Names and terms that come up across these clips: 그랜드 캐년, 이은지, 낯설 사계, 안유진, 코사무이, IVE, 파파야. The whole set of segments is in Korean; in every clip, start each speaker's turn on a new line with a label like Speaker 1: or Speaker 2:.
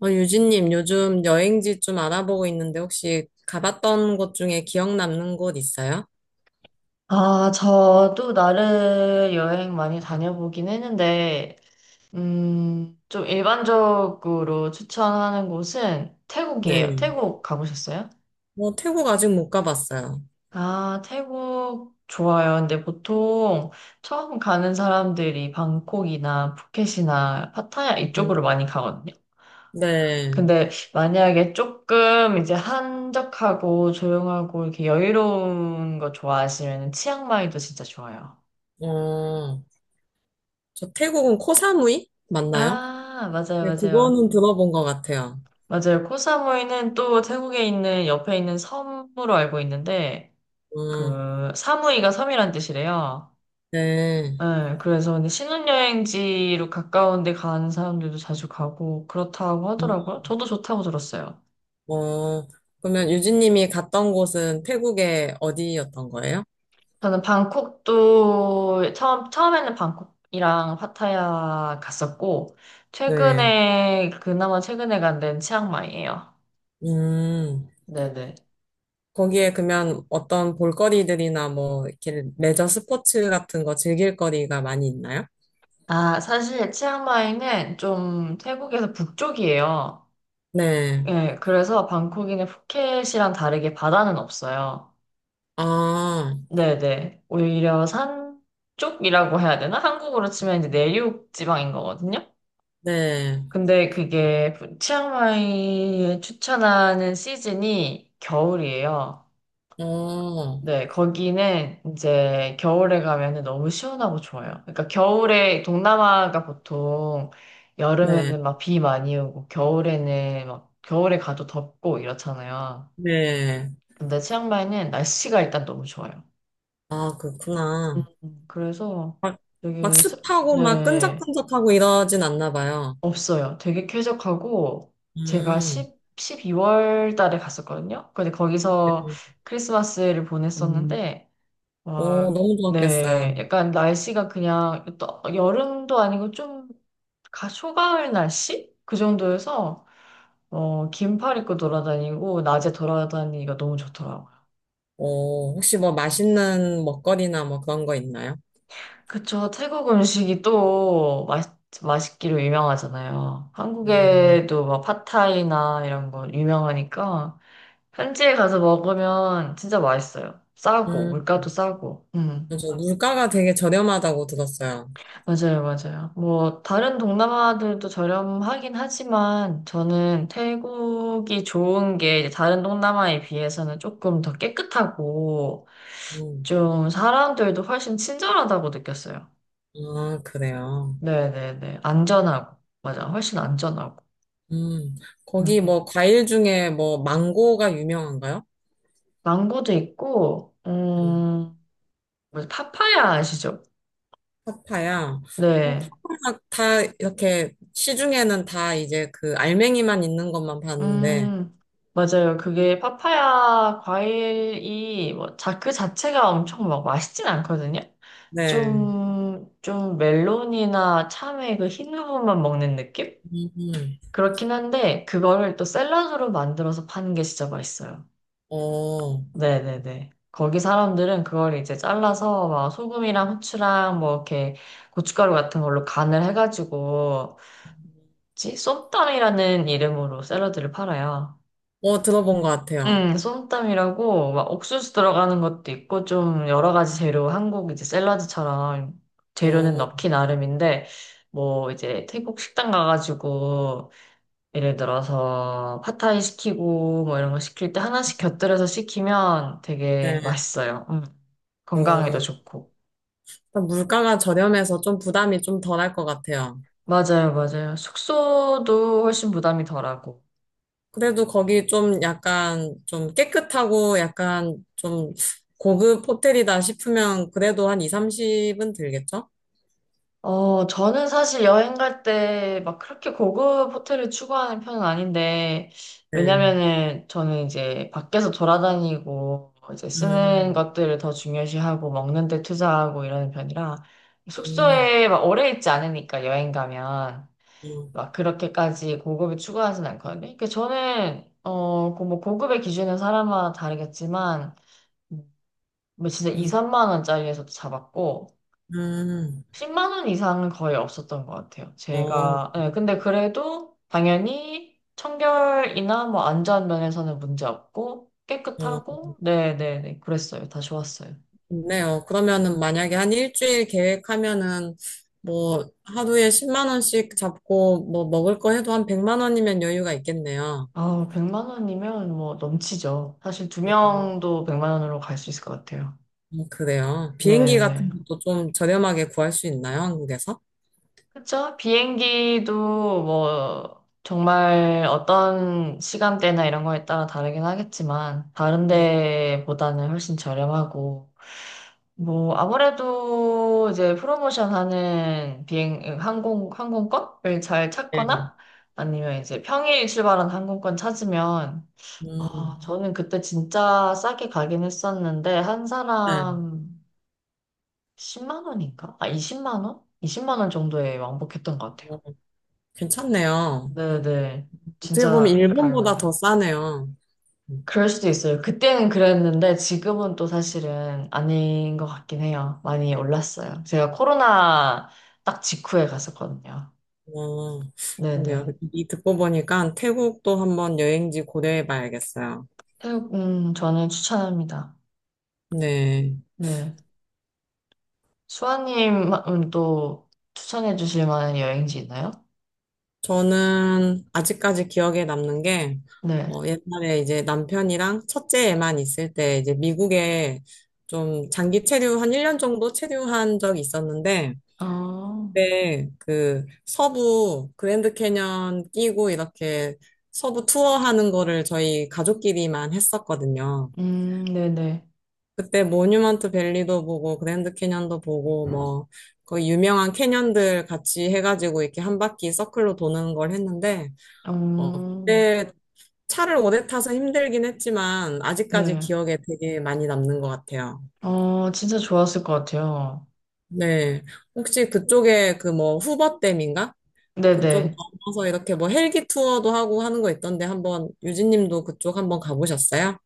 Speaker 1: 유진님, 요즘 여행지 좀 알아보고 있는데 혹시 가봤던 곳 중에 기억 남는 곳 있어요?
Speaker 2: 아, 저도 나를 여행 많이 다녀보긴 했는데, 좀 일반적으로 추천하는 곳은 태국이에요.
Speaker 1: 네.
Speaker 2: 태국 가보셨어요?
Speaker 1: 뭐 태국 아직 못 가봤어요.
Speaker 2: 아, 태국 좋아요. 근데 보통 처음 가는 사람들이 방콕이나 푸켓이나 파타야 이쪽으로
Speaker 1: 음.
Speaker 2: 많이 가거든요.
Speaker 1: 네.
Speaker 2: 근데 만약에 조금 이제 한적하고 조용하고 이렇게 여유로운 거 좋아하시면 치앙마이도 진짜 좋아요.
Speaker 1: 어, 저 태국은 코사무이 맞나요?
Speaker 2: 아, 맞아요,
Speaker 1: 네,
Speaker 2: 맞아요.
Speaker 1: 그거는 들어본 것 같아요.
Speaker 2: 맞아요. 코사무이는 또 태국에 있는 옆에 있는 섬으로 알고 있는데
Speaker 1: 음.
Speaker 2: 그 사무이가 섬이란 뜻이래요.
Speaker 1: 네.
Speaker 2: 네, 그래서 근데 신혼여행지로 가까운 데 가는 사람들도 자주 가고 그렇다고
Speaker 1: 음.
Speaker 2: 하더라고요. 저도 좋다고 들었어요.
Speaker 1: 어, 그러면 유진님이 갔던 곳은 태국의 어디였던 거예요?
Speaker 2: 저는 방콕도 처음에는 방콕이랑 파타야 갔었고
Speaker 1: 네.
Speaker 2: 최근에 그나마 최근에 간 데는 치앙마이예요.
Speaker 1: 음.
Speaker 2: 네네.
Speaker 1: 거기에 그러면 어떤 볼거리들이나 뭐 이렇게 레저 스포츠 같은 거 즐길 거리가 많이 있나요?
Speaker 2: 아, 사실 치앙마이는 좀 태국에서 북쪽이에요.
Speaker 1: 네.
Speaker 2: 예, 그래서 방콕이의 푸켓이랑 다르게 바다는 없어요.
Speaker 1: 아,
Speaker 2: 네네. 오히려 산 쪽이라고 해야 되나? 한국으로 치면 이제 내륙 지방인 거거든요.
Speaker 1: 네.
Speaker 2: 근데 그게 푸- 치앙마이에 추천하는 시즌이 겨울이에요.
Speaker 1: 어,
Speaker 2: 네, 거기는 이제 겨울에 가면은 너무 시원하고 좋아요. 그러니까 겨울에 동남아가 보통
Speaker 1: 네.
Speaker 2: 여름에는 막 비 많이 오고 겨울에는 막 겨울에 가도 덥고 이렇잖아요.
Speaker 1: 네.
Speaker 2: 근데 치앙마이는 날씨가 일단 너무 좋아요.
Speaker 1: 아, 그렇구나.
Speaker 2: 그래서
Speaker 1: 막, 막
Speaker 2: 되게 습-
Speaker 1: 습하고 막
Speaker 2: 네,
Speaker 1: 끈적끈적하고 이러진 않나 봐요.
Speaker 2: 없어요. 되게 쾌적하고 제가
Speaker 1: 음.
Speaker 2: 10, 12월 달에 갔었거든요. 근데 거기서 크리스마스를 보냈었는데
Speaker 1: 오,
Speaker 2: 와,
Speaker 1: 너무
Speaker 2: 네,
Speaker 1: 좋았겠어요.
Speaker 2: 약간 날씨가 그냥 또 여름도 아니고 좀 가- 초가을 날씨? 그 정도여서 긴팔 입고 돌아다니고 낮에 돌아다니기가 너무 좋더라고요.
Speaker 1: 오, 혹시 뭐 맛있는 먹거리나 뭐 그런 거 있나요?
Speaker 2: 그쵸. 태국 음식이 또 맛, 맛있기로 유명하잖아요.
Speaker 1: 음,
Speaker 2: 한국에도 막 팟타이나 이런 거 유명하니까 현지에 가서 먹으면 진짜 맛있어요. 싸고,
Speaker 1: 음,
Speaker 2: 물가도 싸고.
Speaker 1: 저 물가가 되게 저렴하다고 들었어요.
Speaker 2: 맞아요, 맞아요. 뭐, 다른 동남아들도 저렴하긴 하지만 저는 태국이 좋은 게 이제 다른 동남아에 비해서는 조금 더 깨끗하고
Speaker 1: 음.
Speaker 2: 좀 사람들도 훨씬 친절하다고 느꼈어요.
Speaker 1: 아, 그래요.
Speaker 2: 네네네. 안전하고. 맞아. 훨씬 안전하고.
Speaker 1: 음,
Speaker 2: 음,
Speaker 1: 거기
Speaker 2: 음.
Speaker 1: 뭐 과일 중에 뭐 망고가 유명한가요?
Speaker 2: 망고도 있고,
Speaker 1: 음,
Speaker 2: 뭐지? 파파야 아시죠?
Speaker 1: 파파야.
Speaker 2: 네.
Speaker 1: 파파야 다 이렇게 시중에는 다 이제 그 알맹이만 있는 것만 봤는데,
Speaker 2: 음, 맞아요. 그게 파파야 과일이 뭐, 자, 그 자체가 엄청 막 맛있진 않거든요?
Speaker 1: 네.
Speaker 2: 좀 멜론이나 참외 그 흰 부분만 먹는 느낌?
Speaker 1: 음, 음.
Speaker 2: 그렇긴 한데, 그거를 또 샐러드로 만들어서 파는 게 진짜 맛있어요.
Speaker 1: 어,
Speaker 2: 네네네. 거기 사람들은 그걸 이제 잘라서 막 소금이랑 후추랑 뭐 이렇게 고춧가루 같은 걸로 간을 해가지고 뭐지? 쏨땀이라는 이름으로 샐러드를 팔아요.
Speaker 1: 들어본 것 같아요.
Speaker 2: 쏨땀이라고 막 옥수수 들어가는 것도 있고 좀 여러 가지 재료 한국 이제 샐러드처럼 재료는
Speaker 1: 어,
Speaker 2: 넣기 나름인데 뭐 이제 태국 식당 가가지고 예를 들어서 팟타이 시키고 뭐 이런 거 시킬 때 하나씩 곁들여서 시키면 되게
Speaker 1: 네.
Speaker 2: 맛있어요. 음. 건강에도
Speaker 1: 어,
Speaker 2: 좋고.
Speaker 1: 일단 물가가 저렴해서 좀 부담이 좀 덜할 것 같아요.
Speaker 2: 맞아요, 맞아요. 숙소도 훨씬 부담이 덜하고.
Speaker 1: 그래도 거기 좀 약간 좀 깨끗하고 약간 좀 고급 호텔이다 싶으면 그래도 한 2, 30은 들겠죠?
Speaker 2: 저는 사실 여행 갈 때 막 그렇게 고급 호텔을 추구하는 편은 아닌데,
Speaker 1: 네.
Speaker 2: 왜냐면은 저는 이제 밖에서 돌아다니고, 이제 쓰는
Speaker 1: 음,
Speaker 2: 것들을 더 중요시하고, 먹는 데 투자하고 이러는 편이라,
Speaker 1: 음,
Speaker 2: 숙소에 막 오래 있지 않으니까 여행 가면.
Speaker 1: 음,
Speaker 2: 막 그렇게까지 고급을 추구하진 않거든요. 그러니까 저는 그 뭐 고급의 기준은 사람마다 다르겠지만 뭐 진짜 2,
Speaker 1: 음,
Speaker 2: 3만 원짜리에서도 잡았고
Speaker 1: 음.
Speaker 2: 10만 원 이상은 거의 없었던 것 같아요.
Speaker 1: 어,
Speaker 2: 제가 예, 근데 그래도 당연히 청결이나 뭐 안전 면에서는 문제 없고
Speaker 1: 어,
Speaker 2: 깨끗하고 네네네 그랬어요. 다 좋았어요.
Speaker 1: 좋네요. 그러면은 만약에 한 일주일 계획하면은 뭐 하루에 10만 원씩 잡고 뭐 먹을 거 해도 한 100만 원이면 여유가 있겠네요.
Speaker 2: 아, 100만 원이면 뭐 넘치죠. 사실 두
Speaker 1: 음,
Speaker 2: 명도 100만 원으로 갈 수 있을 것 같아요.
Speaker 1: 그래요. 비행기 같은
Speaker 2: 네네.
Speaker 1: 것도 좀 저렴하게 구할 수 있나요? 한국에서?
Speaker 2: 그쵸? 비행기도 뭐 정말 어떤 시간대나 이런 거에 따라 다르긴 하겠지만 다른
Speaker 1: 음.
Speaker 2: 데보다는 훨씬 저렴하고 뭐 아무래도 이제 프로모션 하는 비행 항공권을 잘
Speaker 1: 네.
Speaker 2: 찾거나 아니면 이제 평일 출발한 항공권 찾으면 아,
Speaker 1: 음.
Speaker 2: 저는 그때 진짜 싸게 가긴 했었는데 한
Speaker 1: 네.
Speaker 2: 사람 10만 원인가? 아, 이십만 원? 20만 원 정도에 왕복했던 것 같아요.
Speaker 1: 어, 괜찮네요.
Speaker 2: 네네.
Speaker 1: 어떻게 보면
Speaker 2: 진짜
Speaker 1: 일본보다
Speaker 2: 갈만해.
Speaker 1: 더 싸네요.
Speaker 2: 그럴 수도 있어요. 그때는 그랬는데 지금은 또 사실은 아닌 것 같긴 해요. 많이 올랐어요. 제가 코로나 딱 직후에 갔었거든요.
Speaker 1: 어, 그러게요.
Speaker 2: 네네.
Speaker 1: 이 듣고 보니까 태국도 한번 여행지 고려해 봐야겠어요.
Speaker 2: 태국, 저는 추천합니다.
Speaker 1: 네.
Speaker 2: 네. 수아님은 또 추천해 주실 만한 여행지 있나요?
Speaker 1: 저는 아직까지 기억에 남는 게,
Speaker 2: 네.
Speaker 1: 옛날에 이제 남편이랑 첫째 애만 있을 때 이제 미국에 좀 장기 체류 한 1년 정도 체류한 적이 있었는데,
Speaker 2: 아
Speaker 1: 그때 그 서부 그랜드 캐년 끼고 이렇게 서부 투어하는 거를 저희 가족끼리만 했었거든요.
Speaker 2: 네네.
Speaker 1: 그때 모뉴먼트 밸리도 보고 그랜드 캐년도 보고 뭐 그 유명한 캐년들 같이 해가지고 이렇게 한 바퀴 서클로 도는 걸 했는데
Speaker 2: 음,
Speaker 1: 그때 차를 오래 타서 힘들긴 했지만 아직까지
Speaker 2: 네.
Speaker 1: 기억에 되게 많이 남는 것 같아요.
Speaker 2: 어, 진짜 좋았을 것 같아요.
Speaker 1: 네. 혹시 그쪽에 그 뭐 후버댐인가? 그쪽
Speaker 2: 네네.
Speaker 1: 넘어서 이렇게 뭐 헬기 투어도 하고 하는 거 있던데 한번 유진님도 그쪽 한번 가보셨어요?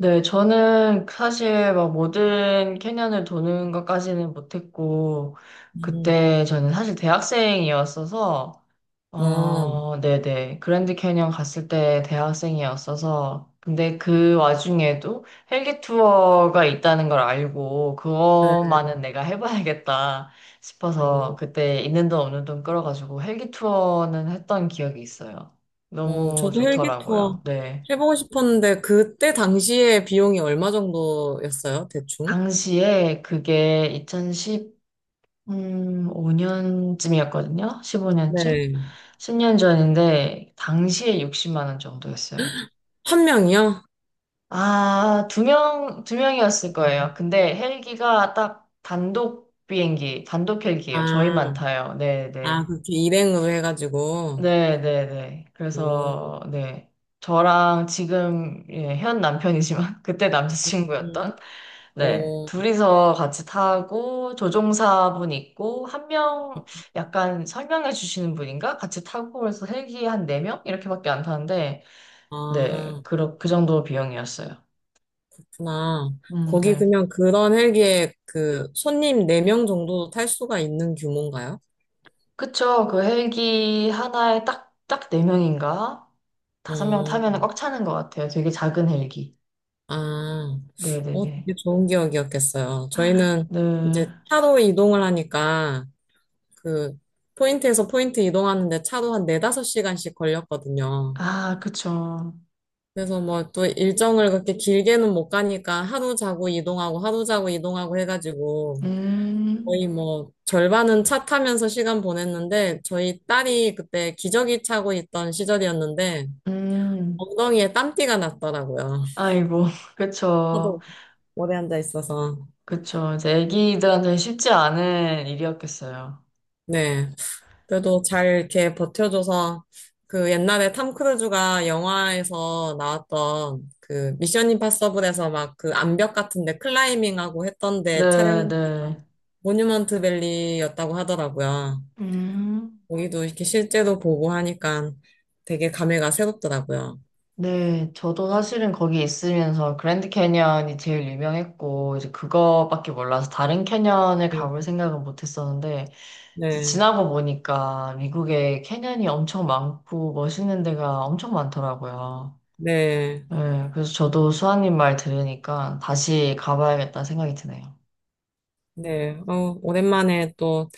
Speaker 2: 네, 저는 사실 막 모든 캐년을 도는 것까지는 못했고,
Speaker 1: 음.
Speaker 2: 그때 저는 사실 대학생이었어서,
Speaker 1: 어.
Speaker 2: 어, 네네. 그랜드 캐년 갔을 때 대학생이었어서, 근데 그 와중에도 헬기 투어가 있다는 걸 알고,
Speaker 1: 네.
Speaker 2: 그것만은 내가 해봐야겠다 싶어서,
Speaker 1: 음.
Speaker 2: 그때 있는 돈 없는 돈 끌어가지고 헬기 투어는 했던 기억이 있어요. 너무
Speaker 1: 저도 헬기 투어
Speaker 2: 좋더라고요. 네.
Speaker 1: 해보고 싶었는데, 그때 당시에 비용이 얼마 정도였어요, 대충?
Speaker 2: 당시에 그게 2015년쯤이었거든요. 15년쯤?
Speaker 1: 네.
Speaker 2: 10년 전인데, 당시에 60만 원 정도였어요.
Speaker 1: 한 명이요?
Speaker 2: 아, 두 명이었을 거예요. 근데 헬기가 딱 단독 비행기, 단독 헬기예요. 저희만
Speaker 1: 아,
Speaker 2: 타요. 네네.
Speaker 1: 그렇게 일행으로 해가지고.
Speaker 2: 네, 네, 네.
Speaker 1: 어.
Speaker 2: 그래서, 네. 저랑 지금, 예, 현 남편이지만, 그때
Speaker 1: 음.
Speaker 2: 남자친구였던, 네.
Speaker 1: 어.
Speaker 2: 둘이서 같이 타고, 조종사분 있고, 한 명, 약간 설명해 주시는 분인가? 같이 타고, 그래서 헬기 한 네명 이렇게밖에 안 타는데, 네.
Speaker 1: 아,
Speaker 2: 그 정도 비용이었어요.
Speaker 1: 그렇구나. 거기
Speaker 2: 네.
Speaker 1: 그냥 그런 헬기에 그 손님 네 명 정도 탈 수가 있는 규모인가요?
Speaker 2: 그쵸. 그 헬기 하나에 딱 네명인가 다섯 명 타면
Speaker 1: 음.
Speaker 2: 꽉 차는 것 같아요. 되게 작은 헬기.
Speaker 1: 아.
Speaker 2: 네네네.
Speaker 1: 되게 좋은 기억이었겠어요. 저희는
Speaker 2: 네.
Speaker 1: 이제 차로 이동을 하니까, 그 포인트에서 포인트 이동하는데 차로 한 네다섯 시간씩 걸렸거든요.
Speaker 2: 아, 그쵸.
Speaker 1: 그래서 뭐 또 일정을 그렇게 길게는 못 가니까 하루 자고 이동하고 하루 자고 이동하고 해가지고 거의
Speaker 2: 음,
Speaker 1: 뭐 절반은 차 타면서 시간 보냈는데 저희 딸이 그때 기저귀 차고 있던 시절이었는데
Speaker 2: 음,
Speaker 1: 엉덩이에 땀띠가 났더라고요.
Speaker 2: 아이고, 그쵸.
Speaker 1: 하도 오래 앉아 있어서.
Speaker 2: 그쵸. 이제 애기들한테 쉽지 않은 일이었겠어요.
Speaker 1: 네. 그래도 잘 이렇게 버텨줘서 그 옛날에 탐 크루즈가 영화에서 나왔던 그 미션 임파서블에서 막 그 암벽 같은데 클라이밍하고 했던데
Speaker 2: 네,
Speaker 1: 촬영지가
Speaker 2: 네.
Speaker 1: 모뉴먼트 밸리였다고 하더라고요.
Speaker 2: 음,
Speaker 1: 거기도 이렇게 실제로 보고 하니까 되게 감회가 새롭더라고요.
Speaker 2: 네. 저도 사실은 거기 있으면서 그랜드 캐니언이 제일 유명했고, 이제 그거밖에 몰라서 다른 캐니언을
Speaker 1: 네,
Speaker 2: 가볼 생각은 못 했었는데, 이제
Speaker 1: 네,
Speaker 2: 지나고 보니까 미국에 캐니언이 엄청 많고 멋있는 데가 엄청 많더라고요.
Speaker 1: 네.
Speaker 2: 네, 그래서 저도 수아님 말 들으니까 다시 가봐야겠다 생각이 드네요.
Speaker 1: 네. 오랜만에 또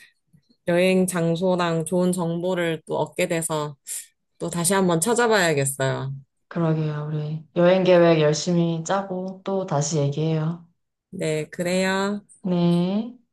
Speaker 1: 여행 장소랑 좋은 정보를 또 얻게 돼서 또 다시 한번 찾아봐야겠어요.
Speaker 2: 그러게요. 우리 여행 계획 열심히 짜고 또 다시 얘기해요.
Speaker 1: 네, 그래요.
Speaker 2: 네.